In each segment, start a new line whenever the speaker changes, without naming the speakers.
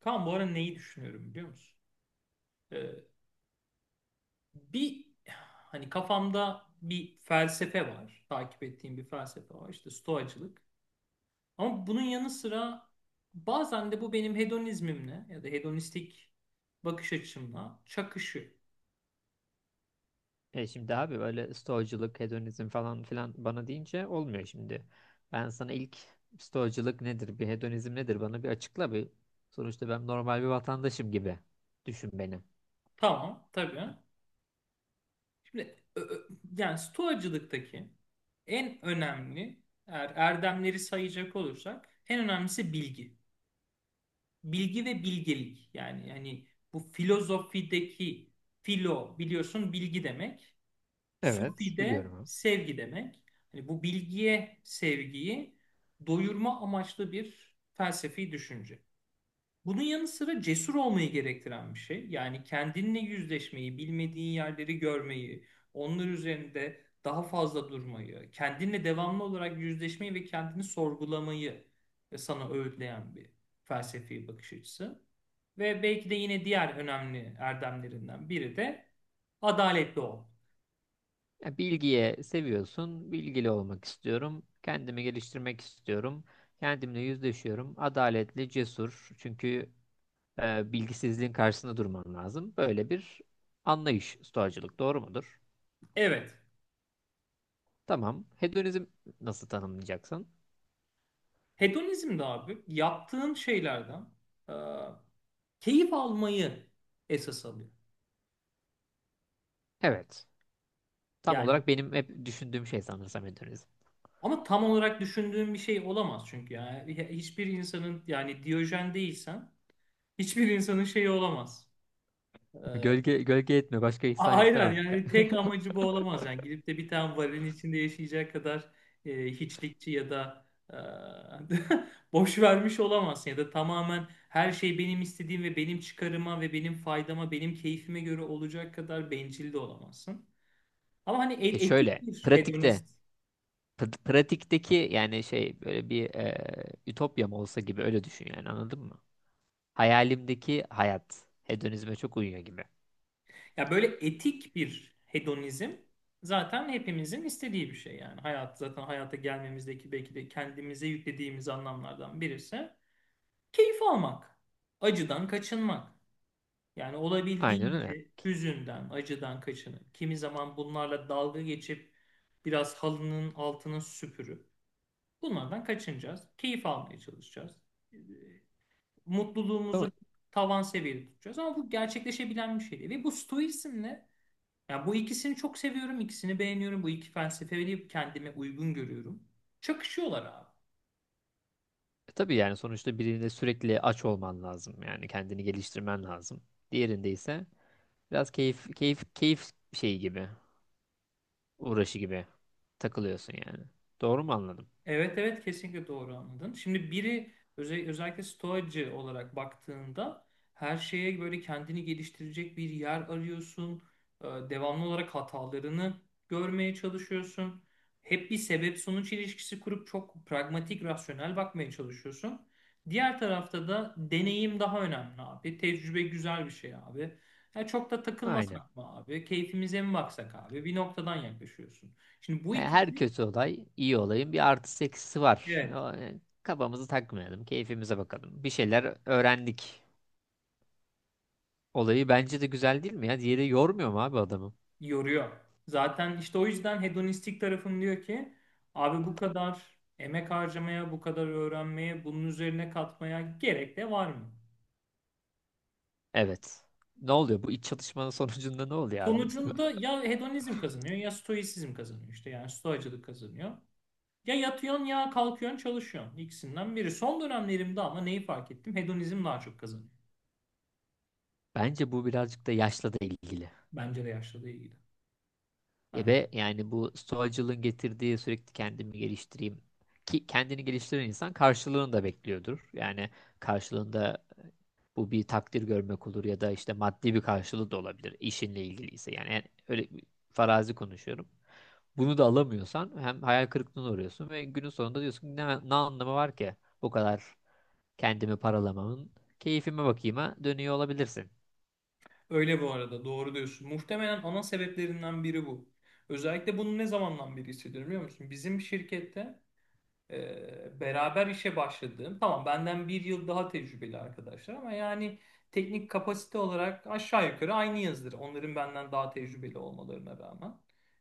Kaan bu ara neyi düşünüyorum biliyor musun? Ee, bir hani Kafamda bir felsefe var. Takip ettiğim bir felsefe var. İşte stoacılık. Ama bunun yanı sıra bazen de bu benim hedonizmimle ya da hedonistik bakış açımla çakışıyor.
Şimdi abi böyle stoacılık, hedonizm falan filan bana deyince olmuyor şimdi. Ben sana ilk stoacılık nedir, bir hedonizm nedir bana bir açıkla bir. Sonuçta ben normal bir vatandaşım gibi düşün beni.
Tamam, tabii. Şimdi stoacılıktaki en önemli eğer erdemleri sayacak olursak en önemlisi bilgi. Bilgi ve bilgelik, yani bu filozofideki filo biliyorsun bilgi demek.
Evet,
Sufi
biliyorum
de
abi.
sevgi demek. Hani bu bilgiye sevgiyi doyurma amaçlı bir felsefi düşünce. Bunun yanı sıra cesur olmayı gerektiren bir şey. Yani kendinle yüzleşmeyi, bilmediğin yerleri görmeyi, onlar üzerinde daha fazla durmayı, kendinle devamlı olarak yüzleşmeyi ve kendini sorgulamayı sana öğütleyen bir felsefi bakış açısı. Ve belki de yine diğer önemli erdemlerinden biri de adaletli ol.
Ya bilgiye seviyorsun, bilgili olmak istiyorum, kendimi geliştirmek istiyorum, kendimle yüzleşiyorum, adaletli, cesur. Çünkü bilgisizliğin karşısında durman lazım. Böyle bir anlayış stoacılık, doğru mudur?
Evet,
Tamam. Hedonizm nasıl tanımlayacaksın?
hedonizm de abi yaptığın şeylerden e, keyif almayı esas alıyor.
Evet. Tam
Yani
olarak benim hep düşündüğüm şey sanırsam hedonizm.
ama tam olarak düşündüğüm bir şey olamaz çünkü yani hiçbir insanın, yani Diyojen değilsen hiçbir insanın şeyi olamaz. Ee,
Gölge, gölge etme. Başka ihsan
aynen,
istemem.
yani tek amacı bu olamaz, yani gidip de bir tane varilin içinde yaşayacak kadar hiçlikçi ya da e, boş vermiş olamazsın ya da tamamen her şey benim istediğim ve benim çıkarıma ve benim faydama benim keyfime göre olacak kadar bencil de olamazsın. Ama hani
E
etik
şöyle.
bir
Pratikte.
hedonist.
Pratikteki yani şey böyle bir ütopyam olsa gibi öyle düşün, yani anladın mı? Hayalimdeki hayat. Hedonizme çok uyuyor gibi.
Ya böyle etik bir hedonizm zaten hepimizin istediği bir şey yani. Hayat zaten hayata gelmemizdeki belki de kendimize yüklediğimiz anlamlardan birisi keyif almak, acıdan kaçınmak. Yani
Aynen öyle.
olabildiğince hüzünden, acıdan kaçının, kimi zaman bunlarla dalga geçip biraz halının altını süpürüp bunlardan kaçınacağız. Keyif almaya çalışacağız. Ee,
Ama
Mutluluğumuzu tavan seviyede tutacağız ama bu gerçekleşebilen bir şey değil. Ve bu stoizmle, yani bu ikisini çok seviyorum, ikisini beğeniyorum. Bu iki felsefeyi kendime uygun görüyorum. Çakışıyorlar abi.
tabii yani sonuçta birinde sürekli aç olman lazım. Yani kendini geliştirmen lazım. Diğerinde ise biraz keyif keyif keyif şeyi gibi, uğraşı gibi takılıyorsun yani. Doğru mu anladım?
Evet, evet, kesinlikle doğru anladın. Şimdi biri özellikle stoacı olarak baktığında her şeye böyle kendini geliştirecek bir yer arıyorsun. Devamlı olarak hatalarını görmeye çalışıyorsun. Hep bir sebep sonuç ilişkisi kurup çok pragmatik, rasyonel bakmaya çalışıyorsun. Diğer tarafta da deneyim daha önemli abi. Tecrübe güzel bir şey abi. Ya çok da
Aynen.
takılmasak mı abi? Keyfimize mi baksak abi? Bir noktadan yaklaşıyorsun. Şimdi bu
Her
ikisi.
kötü olay iyi olayın bir artısı eksisi var.
Evet.
Kafamızı takmayalım, keyfimize bakalım. Bir şeyler öğrendik. Olayı bence de güzel, değil mi ya? Diğeri yormuyor mu abi adamı?
Yoruyor. Zaten işte o yüzden hedonistik tarafım diyor ki abi bu kadar emek harcamaya, bu kadar öğrenmeye, bunun üzerine katmaya gerek de var mı?
Evet. Ne oluyor? Bu iç çatışmanın sonucunda ne oluyor abi mesela?
Sonucunda ya hedonizm kazanıyor ya stoisizm kazanıyor, işte yani stoacılık kazanıyor. Ya yatıyorsun ya kalkıyorsun çalışıyorsun, ikisinden biri. Son dönemlerimde ama neyi fark ettim? Hedonizm daha çok kazanıyor.
Bence bu birazcık da yaşla da ilgili.
Bence de yaşlılığa ilgili.
E
Yani
be yani bu stoacılığın getirdiği sürekli kendimi geliştireyim. Ki kendini geliştiren insan karşılığını da bekliyordur. Yani karşılığında, bu bir takdir görmek olur ya da işte maddi bir karşılığı da olabilir işinle ilgiliyse. Yani öyle bir farazi konuşuyorum. Bunu da alamıyorsan hem hayal kırıklığına uğruyorsun ve günün sonunda diyorsun ki ne, ne anlamı var ki bu kadar kendimi paralamamın, keyfime bakayım'a dönüyor olabilirsin.
öyle, bu arada doğru diyorsun. Muhtemelen ana sebeplerinden biri bu. Özellikle bunu ne zamandan beri hissediyorum biliyor musun? Bizim şirkette beraber işe başladığım, tamam benden bir yıl daha tecrübeli arkadaşlar ama yani teknik kapasite olarak aşağı yukarı aynı yazdır. Onların benden daha tecrübeli olmalarına rağmen.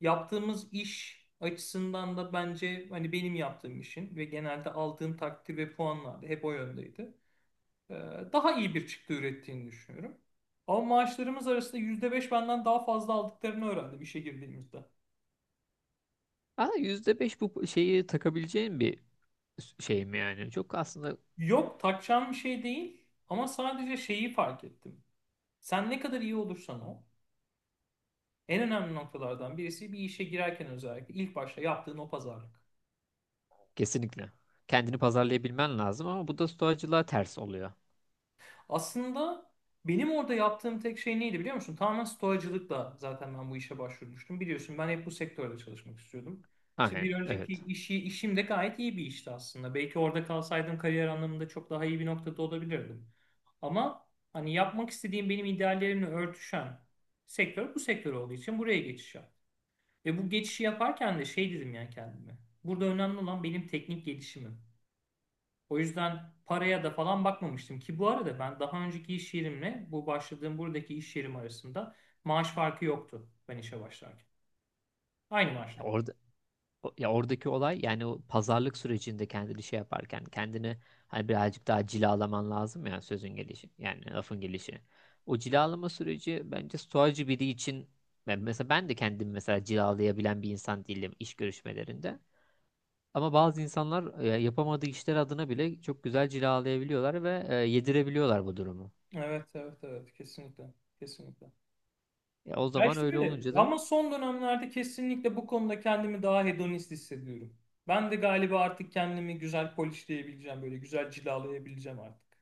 Yaptığımız iş açısından da bence hani benim yaptığım işin ve genelde aldığım takdir ve puanlar da hep o yöndeydi. Ee, Daha iyi bir çıktı ürettiğini düşünüyorum. Ama maaşlarımız arasında %5 benden daha fazla aldıklarını öğrendim işe girdiğimizde.
Ama %5 bu şeyi takabileceğin bir şey mi yani? Çok aslında.
Yok, takacağım bir şey değil ama sadece şeyi fark ettim. Sen ne kadar iyi olursan ol, en önemli noktalardan birisi bir işe girerken özellikle ilk başta yaptığın o pazarlık.
Kesinlikle. Kendini pazarlayabilmen lazım ama bu da stoacılığa ters oluyor.
Aslında benim orada yaptığım tek şey neydi biliyor musun? Tamamen stoacılıkla zaten ben bu işe başvurmuştum. Biliyorsun ben hep bu sektörde çalışmak istiyordum. İşte
Aynen,
bir önceki
evet.
işim de gayet iyi bir işti aslında. Belki orada kalsaydım kariyer anlamında çok daha iyi bir noktada olabilirdim. Ama hani yapmak istediğim, benim ideallerimle örtüşen sektör bu sektör olduğu için buraya geçiş yaptım. Ve bu geçişi yaparken de şey dedim ya kendime. Burada önemli olan benim teknik gelişimim. O yüzden paraya da falan bakmamıştım ki, bu arada ben daha önceki iş yerimle bu başladığım buradaki iş yerim arasında maaş farkı yoktu ben işe başlarken. Aynı maaştı.
Ya orada ya oradaki olay yani o pazarlık sürecinde kendini şey yaparken kendini hani birazcık daha cilalaman lazım ya, sözün gelişi yani lafın gelişi. O cilalama süreci bence stoacı biri için, ben mesela ben de kendimi mesela cilalayabilen bir insan değilim iş görüşmelerinde. Ama bazı insanlar yapamadığı işler adına bile çok güzel cilalayabiliyorlar ve yedirebiliyorlar bu durumu.
Evet, evet, evet. Kesinlikle. Kesinlikle.
Ya o
Ya
zaman öyle
şöyle,
olunca da
ama son dönemlerde kesinlikle bu konuda kendimi daha hedonist hissediyorum. Ben de galiba artık kendimi güzel polishleyebileceğim, böyle güzel cilalayabileceğim artık.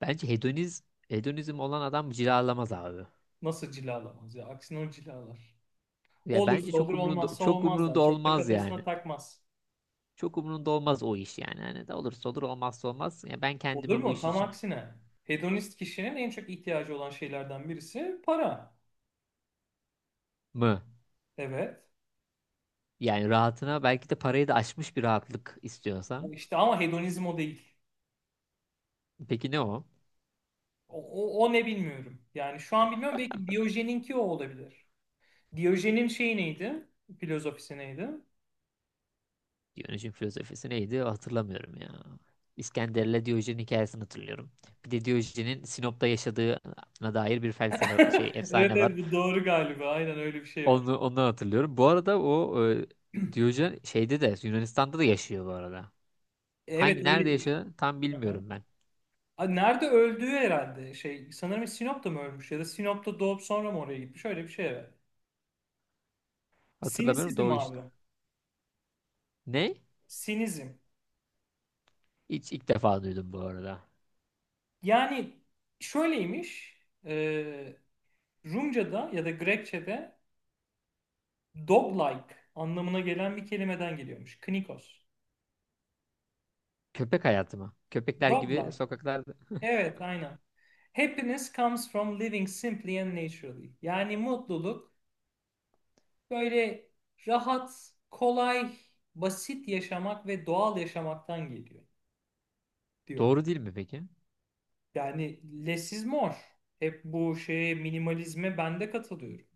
bence hedonizm olan adam cilalamaz abi.
Nasıl cilalamaz ya? Aksine o cilalar.
Ya bence
Olursa olur, olmazsa
çok umrunda
olmazlar. Çok da
olmaz
kafasına
yani.
takmaz.
Çok umurunda olmaz o iş yani. Hani de olursa olur olmazsa olmaz. Ya ben
Olur
kendimi bu
mu?
iş
Tam
için
aksine. Hedonist kişinin en çok ihtiyacı olan şeylerden birisi para.
mı?
Evet.
Yani rahatına, belki de parayı da aşmış bir rahatlık
O
istiyorsan.
işte ama hedonizm o değil.
Peki ne o?
O, O ne bilmiyorum. Yani şu an bilmiyorum. Belki Diyojen'inki o olabilir. Diyojen'in şeyi neydi? Filozofisi neydi?
Diyojen'in filozofisi neydi? Hatırlamıyorum ya. İskender'le Diyojen hikayesini hatırlıyorum. Bir de Diyojen'in Sinop'ta yaşadığına dair bir felsefe şey
Evet,
efsane var.
evet, bu doğru galiba. Aynen öyle bir şey var.
Onu ondan hatırlıyorum. Bu arada Diyojen şeyde de Yunanistan'da da yaşıyor bu arada.
Evet,
Hangi nerede
öyleymiş.
yaşıyor tam
Aha.
bilmiyorum ben.
Aa, nerede öldüğü herhalde şey, sanırım Sinop'ta mı ölmüş ya da Sinop'ta doğup sonra mı oraya gitmiş, öyle bir şey, evet.
Hatırlamıyorum da
Sinisizm
o iş.
abi.
Ne?
Sinizm.
Hiç ilk defa duydum bu arada.
Yani şöyleymiş. E, Rumca'da ya da Grekçe'de dog-like anlamına gelen bir kelimeden geliyormuş. Knikos.
Köpek hayatı mı? Köpekler gibi
Dog-like.
sokaklarda.
Evet, aynen. Happiness comes from living simply and naturally. Yani mutluluk böyle rahat, kolay, basit yaşamak ve doğal yaşamaktan geliyor diyor.
Doğru değil mi peki?
Yani less is more. Hep bu şeye, minimalizme ben de katılıyorum.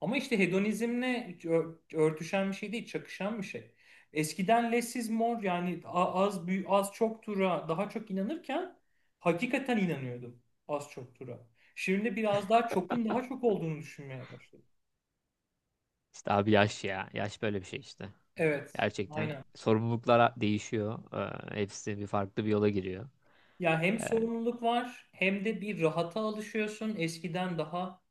Ama işte hedonizmle örtüşen bir şey değil, çakışan bir şey. Eskiden less is more, yani az büyük, az çok tura daha çok inanırken hakikaten inanıyordum az çok tura. Şimdi biraz daha çokun daha çok olduğunu düşünmeye başladım.
İşte abi yaş ya. Yaş böyle bir şey işte.
Evet,
Gerçekten
aynen.
sorumluluklar değişiyor. Hepsi bir farklı bir yola giriyor.
Ya hem
Ee,
sorumluluk var hem de bir rahata alışıyorsun. Eskiden daha,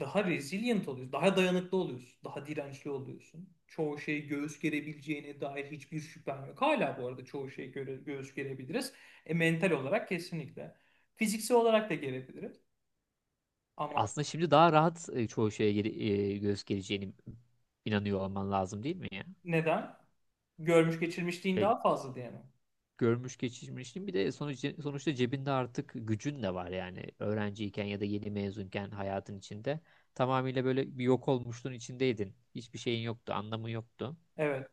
resilient oluyorsun, daha dayanıklı oluyorsun, daha dirençli oluyorsun. Çoğu şeyi göğüs gerebileceğine dair hiçbir şüphem yok. Hala bu arada çoğu şeyi göğüs gerebiliriz. Mental olarak kesinlikle. Fiziksel olarak da gerebiliriz. Ama
aslında şimdi daha rahat çoğu şeye göz geleceğini inanıyor olman lazım, değil mi ya?
neden? Görmüş geçirmişliğin
E,
daha fazla diye mi?
görmüş geçirmişsin. Bir de sonuçta cebinde artık gücün de var yani öğrenciyken ya da yeni mezunken hayatın içinde. Tamamıyla böyle bir yok olmuşluğun içindeydin. Hiçbir şeyin yoktu, anlamı yoktu.
Evet.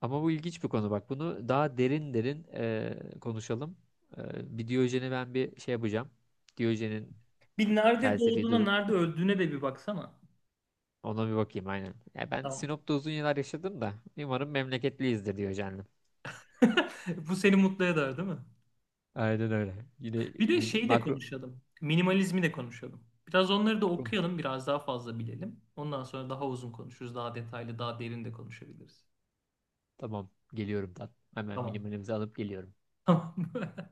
Ama bu ilginç bir konu bak. Bunu daha derin derin konuşalım. Bir Diyojen'i ben bir şey yapacağım. Diyojen'in
Bir nerede
felsefi
doğduğuna,
dur,
nerede öldüğüne de bir baksana.
ona bir bakayım aynen. Ya ben
Tamam.
Sinop'ta uzun yıllar yaşadım da umarım memleketliyizdir Diyojen'le.
Bu seni mutlu eder, değil mi?
Aynen öyle. Yine
Bir de şeyi de
makro
konuşalım. Minimalizmi de konuşalım. Biraz onları da okuyalım, biraz daha fazla bilelim. Ondan sonra daha uzun konuşuruz, daha detaylı, daha derin de konuşabiliriz.
Tamam, geliyorum ben. Hemen
Tamam.
minimalimizi alıp geliyorum.
Tamam.